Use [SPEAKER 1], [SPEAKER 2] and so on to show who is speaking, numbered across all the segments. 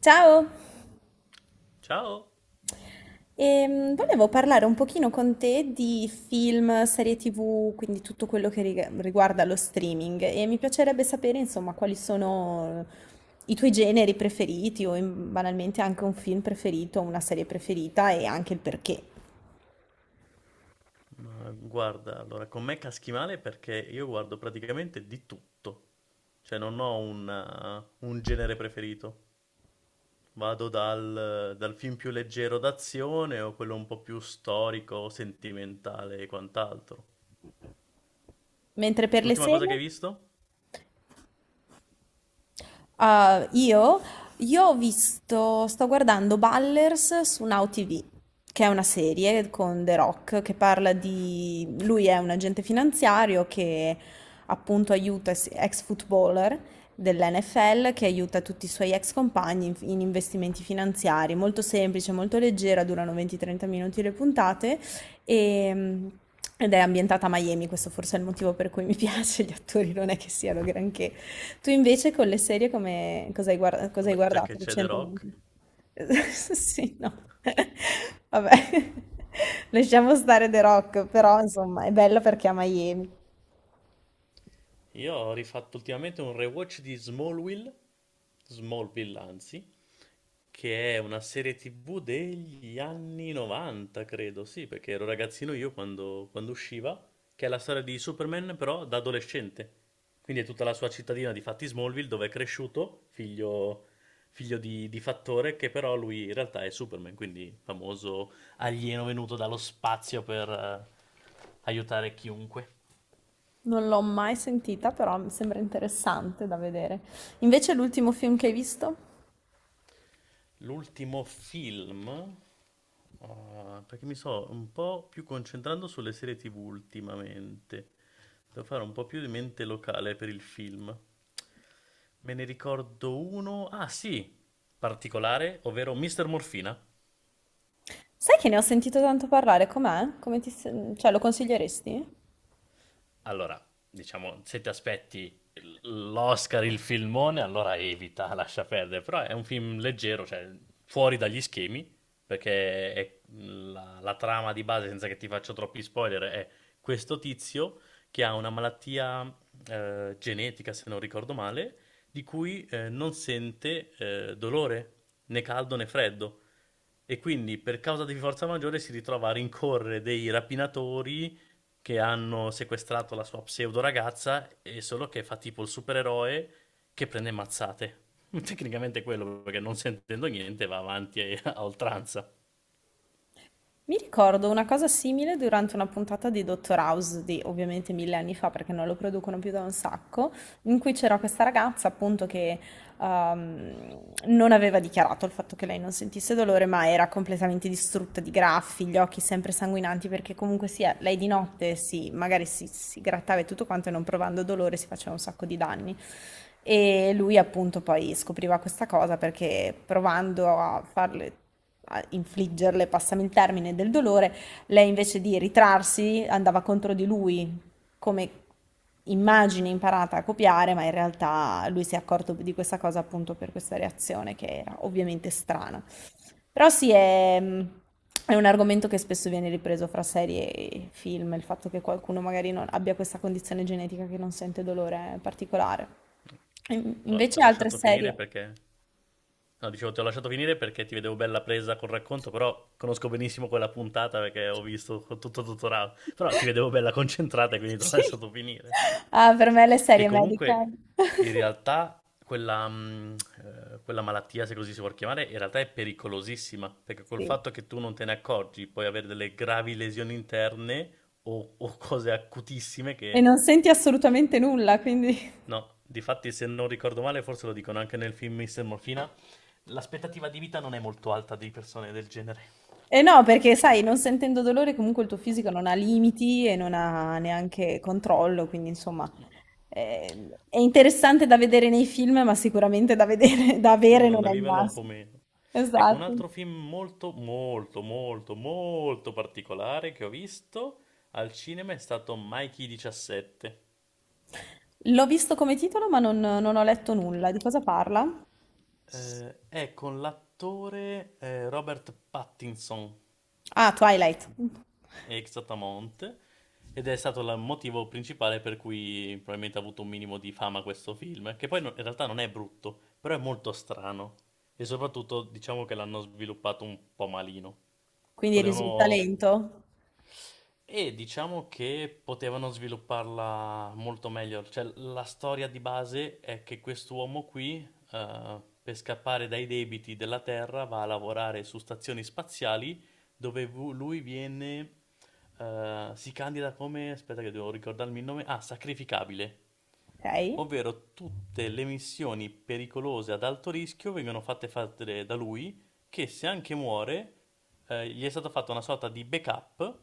[SPEAKER 1] Ciao.
[SPEAKER 2] Ciao,
[SPEAKER 1] Volevo parlare un pochino con te di film, serie TV, quindi tutto quello che riguarda lo streaming e mi piacerebbe sapere, insomma, quali sono i tuoi generi preferiti o banalmente anche un film preferito, una serie preferita e anche il perché.
[SPEAKER 2] ma guarda, allora con me caschi male perché io guardo praticamente di tutto, cioè non ho un genere preferito. Vado dal film più leggero d'azione o quello un po' più storico, sentimentale e quant'altro.
[SPEAKER 1] Mentre per le
[SPEAKER 2] L'ultima cosa che hai
[SPEAKER 1] serie?
[SPEAKER 2] visto?
[SPEAKER 1] Ah, io ho visto, sto guardando Ballers su Now TV, che è una serie con The Rock che parla di... Lui è un agente finanziario che appunto aiuta ex footballer dell'NFL, che aiuta tutti i suoi ex compagni in investimenti finanziari. Molto semplice, molto leggera, durano 20-30 minuti le puntate e- Ed è ambientata a Miami, questo forse è il motivo per cui mi piace, gli attori non è che siano granché. Tu invece con le serie come cosa hai
[SPEAKER 2] Vabbè, già che
[SPEAKER 1] guardato
[SPEAKER 2] c'è The Rock.
[SPEAKER 1] recentemente? Sì, no. Vabbè, lasciamo stare The Rock, però insomma è bella perché è a Miami.
[SPEAKER 2] Io ho rifatto ultimamente un rewatch di Smallville, Smallville anzi, che è una serie TV degli anni 90, credo, sì, perché ero ragazzino io quando usciva, che è la storia di Superman però da adolescente. Quindi è tutta la sua cittadina di fatti Smallville dove è cresciuto, figlio di Fattore, che però lui in realtà è Superman, quindi famoso alieno venuto dallo spazio per aiutare chiunque.
[SPEAKER 1] Non l'ho mai sentita, però mi sembra interessante da vedere. Invece l'ultimo film che hai visto?
[SPEAKER 2] L'ultimo film, ah, perché mi sto un po' più concentrando sulle serie TV ultimamente. Devo fare un po' più di mente locale per il film. Me ne ricordo uno, ah sì, particolare, ovvero Mr. Morfina.
[SPEAKER 1] Sai che ne ho sentito tanto parlare, com'è? Come ti... cioè, lo consiglieresti?
[SPEAKER 2] Allora, diciamo, se ti aspetti l'Oscar, il filmone, allora evita, lascia perdere. Però è un film leggero, cioè fuori dagli schemi, perché è la trama di base, senza che ti faccio troppi spoiler, è questo tizio che ha una malattia genetica, se non ricordo male, di cui non sente dolore, né caldo né freddo. E quindi per causa di forza maggiore si ritrova a rincorrere dei rapinatori che hanno sequestrato la sua pseudo ragazza e solo che fa tipo il supereroe che prende mazzate. Tecnicamente è quello, perché non sentendo niente va avanti a oltranza.
[SPEAKER 1] Mi ricordo una cosa simile durante una puntata di Dr. House di ovviamente mille anni fa, perché non lo producono più da un sacco, in cui c'era questa ragazza appunto che ehm, non aveva dichiarato il fatto che lei non sentisse dolore, ma era completamente distrutta di graffi, gli occhi sempre sanguinanti, perché comunque sia, lei di notte si, magari si grattava e tutto quanto e non provando dolore si faceva un sacco di danni. E lui appunto poi scopriva questa cosa perché provando a farle a infliggerle, passami il termine, del dolore, lei invece di ritrarsi andava contro di lui come immagine imparata a copiare, ma in realtà lui si è accorto di questa cosa appunto per questa reazione che era ovviamente strana. Però sì, è un argomento che spesso viene ripreso fra serie e film, il fatto che qualcuno magari non abbia questa condizione genetica che non sente dolore particolare.
[SPEAKER 2] Guarda, ti ho
[SPEAKER 1] Invece altre
[SPEAKER 2] lasciato finire
[SPEAKER 1] serie.
[SPEAKER 2] perché... No, dicevo, ti ho lasciato finire perché ti vedevo bella presa col racconto, però conosco benissimo quella puntata perché ho visto tutto il tutorial. Però ti vedevo bella concentrata e quindi ti ho
[SPEAKER 1] Sì.
[SPEAKER 2] lasciato finire.
[SPEAKER 1] Ah, per me le
[SPEAKER 2] Che
[SPEAKER 1] serie medical.
[SPEAKER 2] comunque in realtà quella malattia, se così si può chiamare, in realtà è pericolosissima, perché col
[SPEAKER 1] Sì.
[SPEAKER 2] fatto che tu non te ne accorgi puoi avere delle gravi lesioni interne o cose acutissime
[SPEAKER 1] E
[SPEAKER 2] che...
[SPEAKER 1] non senti assolutamente nulla, quindi
[SPEAKER 2] No, difatti se non ricordo male, forse lo dicono anche nel film Mr. Morfina, l'aspettativa di vita non è molto alta di persone del genere.
[SPEAKER 1] eh no, perché sai, non sentendo dolore comunque il tuo fisico non ha limiti e non ha neanche controllo, quindi insomma è interessante da vedere nei film, ma sicuramente da vedere da
[SPEAKER 2] No,
[SPEAKER 1] avere
[SPEAKER 2] no,
[SPEAKER 1] non
[SPEAKER 2] da
[SPEAKER 1] è il
[SPEAKER 2] viverla un po'
[SPEAKER 1] massimo.
[SPEAKER 2] meno. Ecco, un
[SPEAKER 1] Esatto.
[SPEAKER 2] altro film molto, molto, molto, molto particolare che ho visto al cinema è stato Mikey 17.
[SPEAKER 1] L'ho visto come titolo, ma non ho letto nulla. Di cosa parla?
[SPEAKER 2] È con l'attore Robert Pattinson,
[SPEAKER 1] Ah, Twilight.
[SPEAKER 2] ex Atamonte, ed è stato il motivo principale per cui probabilmente ha avuto un minimo di fama questo film, che poi in realtà non è brutto, però è molto strano. E soprattutto diciamo che l'hanno sviluppato un po' malino.
[SPEAKER 1] Quindi risulta
[SPEAKER 2] Potevano
[SPEAKER 1] lento.
[SPEAKER 2] E diciamo che potevano svilupparla molto meglio. Cioè, la storia di base è che quest'uomo qui, per scappare dai debiti della Terra, va a lavorare su stazioni spaziali dove lui viene, si candida come, aspetta che devo ricordarmi il nome, ah, sacrificabile,
[SPEAKER 1] Ok.
[SPEAKER 2] ovvero tutte le missioni pericolose ad alto rischio vengono fatte fare da lui, che se anche muore, gli è stata fatta una sorta di backup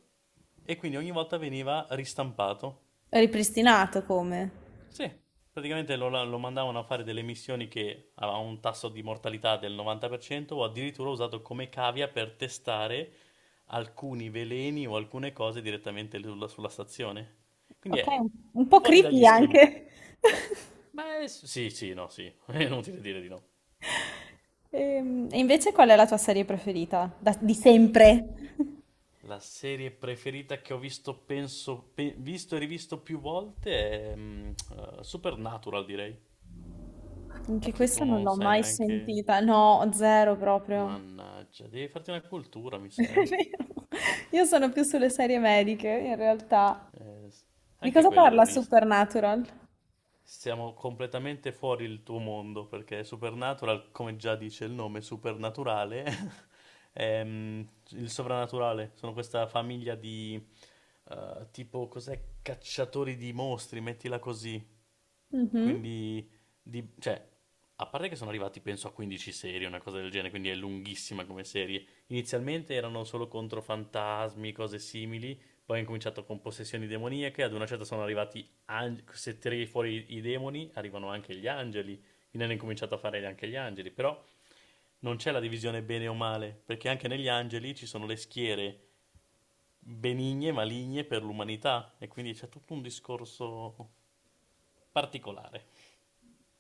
[SPEAKER 2] e quindi ogni volta veniva ristampato.
[SPEAKER 1] Ripristinato come?
[SPEAKER 2] Sì, praticamente lo mandavano a fare delle missioni che avevano un tasso di mortalità del 90% o addirittura usato come cavia per testare alcuni veleni o alcune cose direttamente sulla stazione. Quindi
[SPEAKER 1] Ok,
[SPEAKER 2] è
[SPEAKER 1] un po'
[SPEAKER 2] fuori dagli
[SPEAKER 1] creepy
[SPEAKER 2] schemi.
[SPEAKER 1] anche.
[SPEAKER 2] Beh, sì, sì, no, sì, è inutile dire di no.
[SPEAKER 1] E invece qual è la tua serie preferita? Di sempre?
[SPEAKER 2] La serie preferita che ho visto, penso, visto e rivisto più volte è Supernatural, direi.
[SPEAKER 1] Anche
[SPEAKER 2] Che tu
[SPEAKER 1] questa non
[SPEAKER 2] non
[SPEAKER 1] l'ho
[SPEAKER 2] sai
[SPEAKER 1] mai
[SPEAKER 2] neanche...
[SPEAKER 1] sentita. No, zero proprio.
[SPEAKER 2] Mannaggia, devi farti una cultura, mi
[SPEAKER 1] È
[SPEAKER 2] sa, eh.
[SPEAKER 1] vero. Io sono più sulle serie mediche, in realtà.
[SPEAKER 2] Eh, s-
[SPEAKER 1] Di
[SPEAKER 2] anche
[SPEAKER 1] cosa
[SPEAKER 2] quelle l'ho
[SPEAKER 1] parla
[SPEAKER 2] viste.
[SPEAKER 1] Supernatural?
[SPEAKER 2] Siamo completamente fuori il tuo mondo perché Supernatural, come già dice il nome, supernaturale, è il sovrannaturale. Sono questa famiglia di tipo, cos'è? Cacciatori di mostri, mettila così.
[SPEAKER 1] Mhm.
[SPEAKER 2] Quindi, cioè, a parte che sono arrivati penso a 15 serie, una cosa del genere, quindi è lunghissima come serie. Inizialmente erano solo contro fantasmi, cose simili, poi hanno cominciato con possessioni demoniache, ad una certa sono arrivati, se tiri fuori i demoni, arrivano anche gli angeli, quindi hanno incominciato a fare anche gli angeli, però non c'è la divisione bene o male, perché anche negli angeli ci sono le schiere benigne e maligne per l'umanità, e quindi c'è tutto un discorso particolare.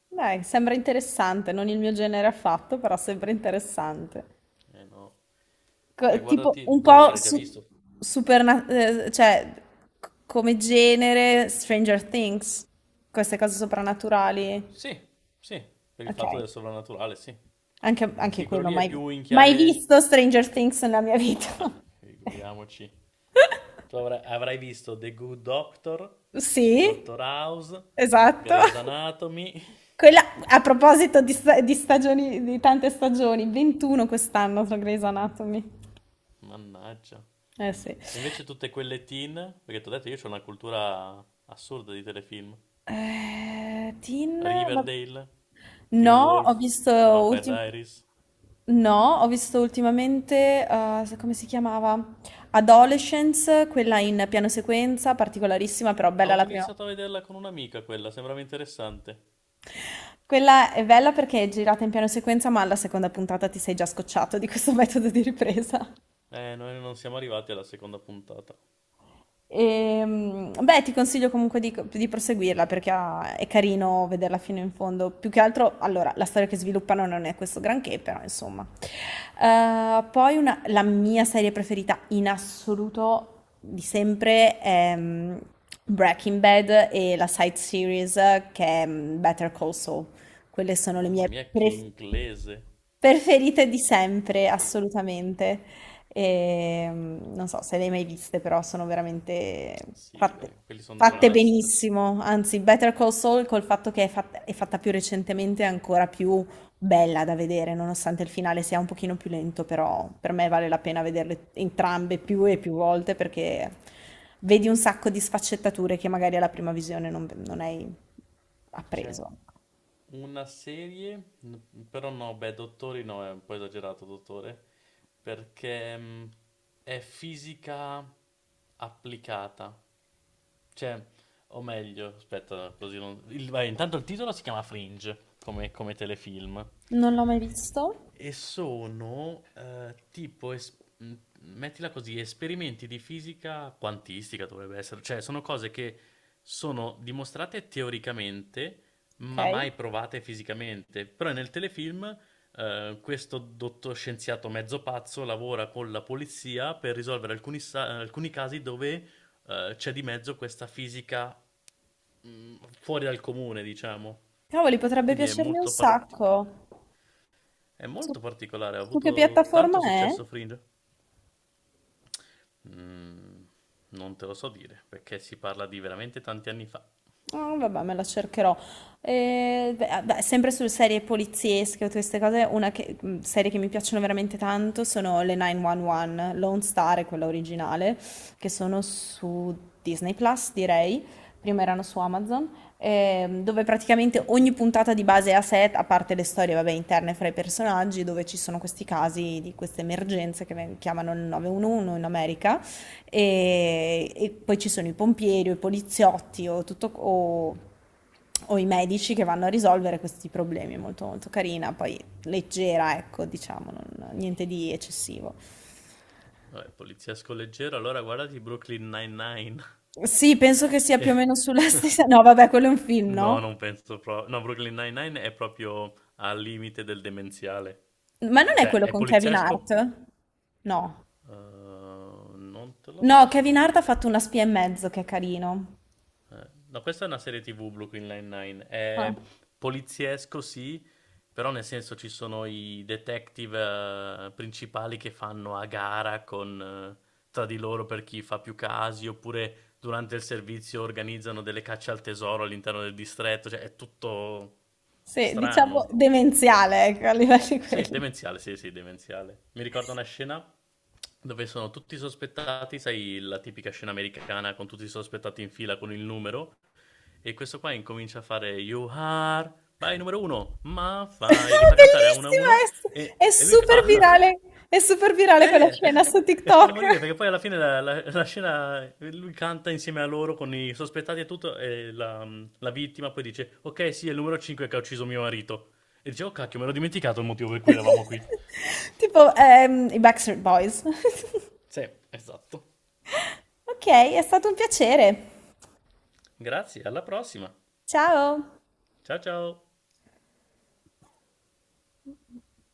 [SPEAKER 1] Dai, sembra interessante, non il mio genere affatto, però sembra interessante.
[SPEAKER 2] Eh no. Beh,
[SPEAKER 1] Tipo
[SPEAKER 2] guardati,
[SPEAKER 1] un
[SPEAKER 2] però
[SPEAKER 1] po'
[SPEAKER 2] l'avrei già visto.
[SPEAKER 1] cioè come genere Stranger Things, queste cose soprannaturali.
[SPEAKER 2] Sì, sì, per il
[SPEAKER 1] Ok,
[SPEAKER 2] fatto del sovrannaturale, sì.
[SPEAKER 1] anche
[SPEAKER 2] Sì, quello
[SPEAKER 1] quello,
[SPEAKER 2] lì è più in
[SPEAKER 1] mai
[SPEAKER 2] chiave...
[SPEAKER 1] visto Stranger Things nella mia vita.
[SPEAKER 2] Ah, figuriamoci. Tu avrai visto The Good Doctor,
[SPEAKER 1] Sì,
[SPEAKER 2] Doctor House,
[SPEAKER 1] esatto.
[SPEAKER 2] Grey's Anatomy.
[SPEAKER 1] Quella, a proposito di, di stagioni, di tante stagioni, 21 quest'anno su Grey's Anatomy.
[SPEAKER 2] Mannaggia.
[SPEAKER 1] Eh sì.
[SPEAKER 2] E invece tutte quelle teen, perché ti ho detto io ho una cultura assurda di telefilm.
[SPEAKER 1] Teen, va-
[SPEAKER 2] Riverdale, Teen
[SPEAKER 1] no,
[SPEAKER 2] Wolf, The Vampire Diaries.
[SPEAKER 1] no, ho visto ultimamente, come si chiamava? Adolescence, quella in piano sequenza, particolarissima, però bella
[SPEAKER 2] Avevo
[SPEAKER 1] la prima.
[SPEAKER 2] iniziato a vederla con un'amica quella, sembrava interessante.
[SPEAKER 1] Quella è bella perché è girata in piano sequenza, ma alla seconda puntata ti sei già scocciato di questo metodo di ripresa.
[SPEAKER 2] Noi non siamo arrivati alla seconda puntata.
[SPEAKER 1] Beh, ti consiglio comunque di proseguirla perché è carino vederla fino in fondo. Più che altro, allora, la storia che sviluppano non è questo granché, però insomma. Poi la mia serie preferita in assoluto di sempre è Breaking Bad e la side series che è Better Call Saul. Quelle sono le
[SPEAKER 2] Mamma
[SPEAKER 1] mie
[SPEAKER 2] mia, che inglese!
[SPEAKER 1] preferite di sempre, assolutamente. E, non so se le hai mai viste, però sono veramente
[SPEAKER 2] Sì,
[SPEAKER 1] fatte, Non
[SPEAKER 2] beh, quelli sono dei
[SPEAKER 1] fatte le-
[SPEAKER 2] must.
[SPEAKER 1] benissimo. Anzi, Better Call Saul, col fatto che è è fatta più recentemente, è ancora più bella da vedere, nonostante il finale sia un pochino più lento, però per me vale la pena vederle entrambe più e più volte perché vedi un sacco di sfaccettature che magari alla prima visione non hai
[SPEAKER 2] C'è
[SPEAKER 1] appreso.
[SPEAKER 2] una serie, però no, beh, Dottori no, è un po' esagerato, Dottore, perché è fisica applicata. Cioè, o meglio, aspetta, così non... il- vai, intanto il titolo si chiama Fringe, come telefilm.
[SPEAKER 1] Non l'ho mai visto?
[SPEAKER 2] E sono tipo, mettila così, esperimenti di fisica quantistica dovrebbe essere, cioè sono cose che sono dimostrate teoricamente,
[SPEAKER 1] Ok.
[SPEAKER 2] ma mai provate fisicamente. Però nel telefilm questo dottor scienziato mezzo pazzo lavora con la polizia per risolvere alcuni casi dove c'è di mezzo questa fisica fuori dal comune, diciamo.
[SPEAKER 1] Cavoli, potrebbe
[SPEAKER 2] Quindi è
[SPEAKER 1] piacermi un
[SPEAKER 2] molto particolare.
[SPEAKER 1] sacco.
[SPEAKER 2] È
[SPEAKER 1] Su,
[SPEAKER 2] molto particolare, ha
[SPEAKER 1] Su che
[SPEAKER 2] avuto
[SPEAKER 1] piattaforma
[SPEAKER 2] tanto
[SPEAKER 1] è?
[SPEAKER 2] successo Fringe? Mm, non te lo so dire, perché si parla di veramente tanti anni fa.
[SPEAKER 1] Ah, vabbè, me la cercherò. Beh, sempre su serie poliziesche o queste cose, serie che mi piacciono veramente tanto sono le 911, Lone Star è quella originale, che sono su Disney Plus, direi. Prima erano su Amazon, dove praticamente ogni puntata di base è a set, a parte le storie, vabbè, interne fra i personaggi, dove ci sono questi casi di queste emergenze che chiamano il 911 in America. E poi ci sono i pompieri o i poliziotti o i medici che vanno a risolvere questi problemi. È molto carina, poi leggera, ecco, diciamo, niente di eccessivo.
[SPEAKER 2] Vabbè, poliziesco leggero, allora guardati Brooklyn Nine-Nine,
[SPEAKER 1] Sì, penso che sia
[SPEAKER 2] che...
[SPEAKER 1] più o meno sulla stessa. No, vabbè, quello è un film,
[SPEAKER 2] no,
[SPEAKER 1] no?
[SPEAKER 2] non penso proprio... No, Brooklyn Nine-Nine è proprio al limite del demenziale.
[SPEAKER 1] Ma non è
[SPEAKER 2] Cioè,
[SPEAKER 1] quello
[SPEAKER 2] è
[SPEAKER 1] con Kevin
[SPEAKER 2] poliziesco?
[SPEAKER 1] Hart? No.
[SPEAKER 2] Non te lo so
[SPEAKER 1] No, Kevin Hart
[SPEAKER 2] dire.
[SPEAKER 1] ha fatto Una spia e mezzo, che è carino.
[SPEAKER 2] No, questa è una serie TV Brooklyn Nine-Nine. È
[SPEAKER 1] Ah.
[SPEAKER 2] poliziesco, sì, però nel senso ci sono i detective principali che fanno a gara con, eh, tra di loro per chi fa più casi, oppure durante il servizio organizzano delle cacce al tesoro all'interno del distretto, cioè è tutto
[SPEAKER 1] Sì, diciamo
[SPEAKER 2] strano.
[SPEAKER 1] demenziale, ecco, a livello di
[SPEAKER 2] Sì,
[SPEAKER 1] quelli.
[SPEAKER 2] demenziale, sì, sì, demenziale. Mi ricordo una scena dove sono tutti sospettati, sai, la tipica scena americana con tutti i sospettati in fila con il numero e questo qua incomincia a fare You are, vai numero uno, ma fai, e li fa cantare a uno
[SPEAKER 1] Bellissima,
[SPEAKER 2] e, e lui fa,
[SPEAKER 1] è super virale quella
[SPEAKER 2] eh,
[SPEAKER 1] scena su
[SPEAKER 2] e fa
[SPEAKER 1] TikTok.
[SPEAKER 2] morire perché poi alla fine la, la scena, lui canta insieme a loro con i sospettati e tutto e la vittima poi dice, ok sì è il numero 5 che ha ucciso mio marito. E dice, oh cacchio, me l'ho dimenticato il motivo per cui eravamo qui.
[SPEAKER 1] Tipo, i Backstreet Boys.
[SPEAKER 2] Sì, esatto.
[SPEAKER 1] Ok, è stato un piacere.
[SPEAKER 2] Grazie, alla prossima.
[SPEAKER 1] Ciao.
[SPEAKER 2] Ciao ciao.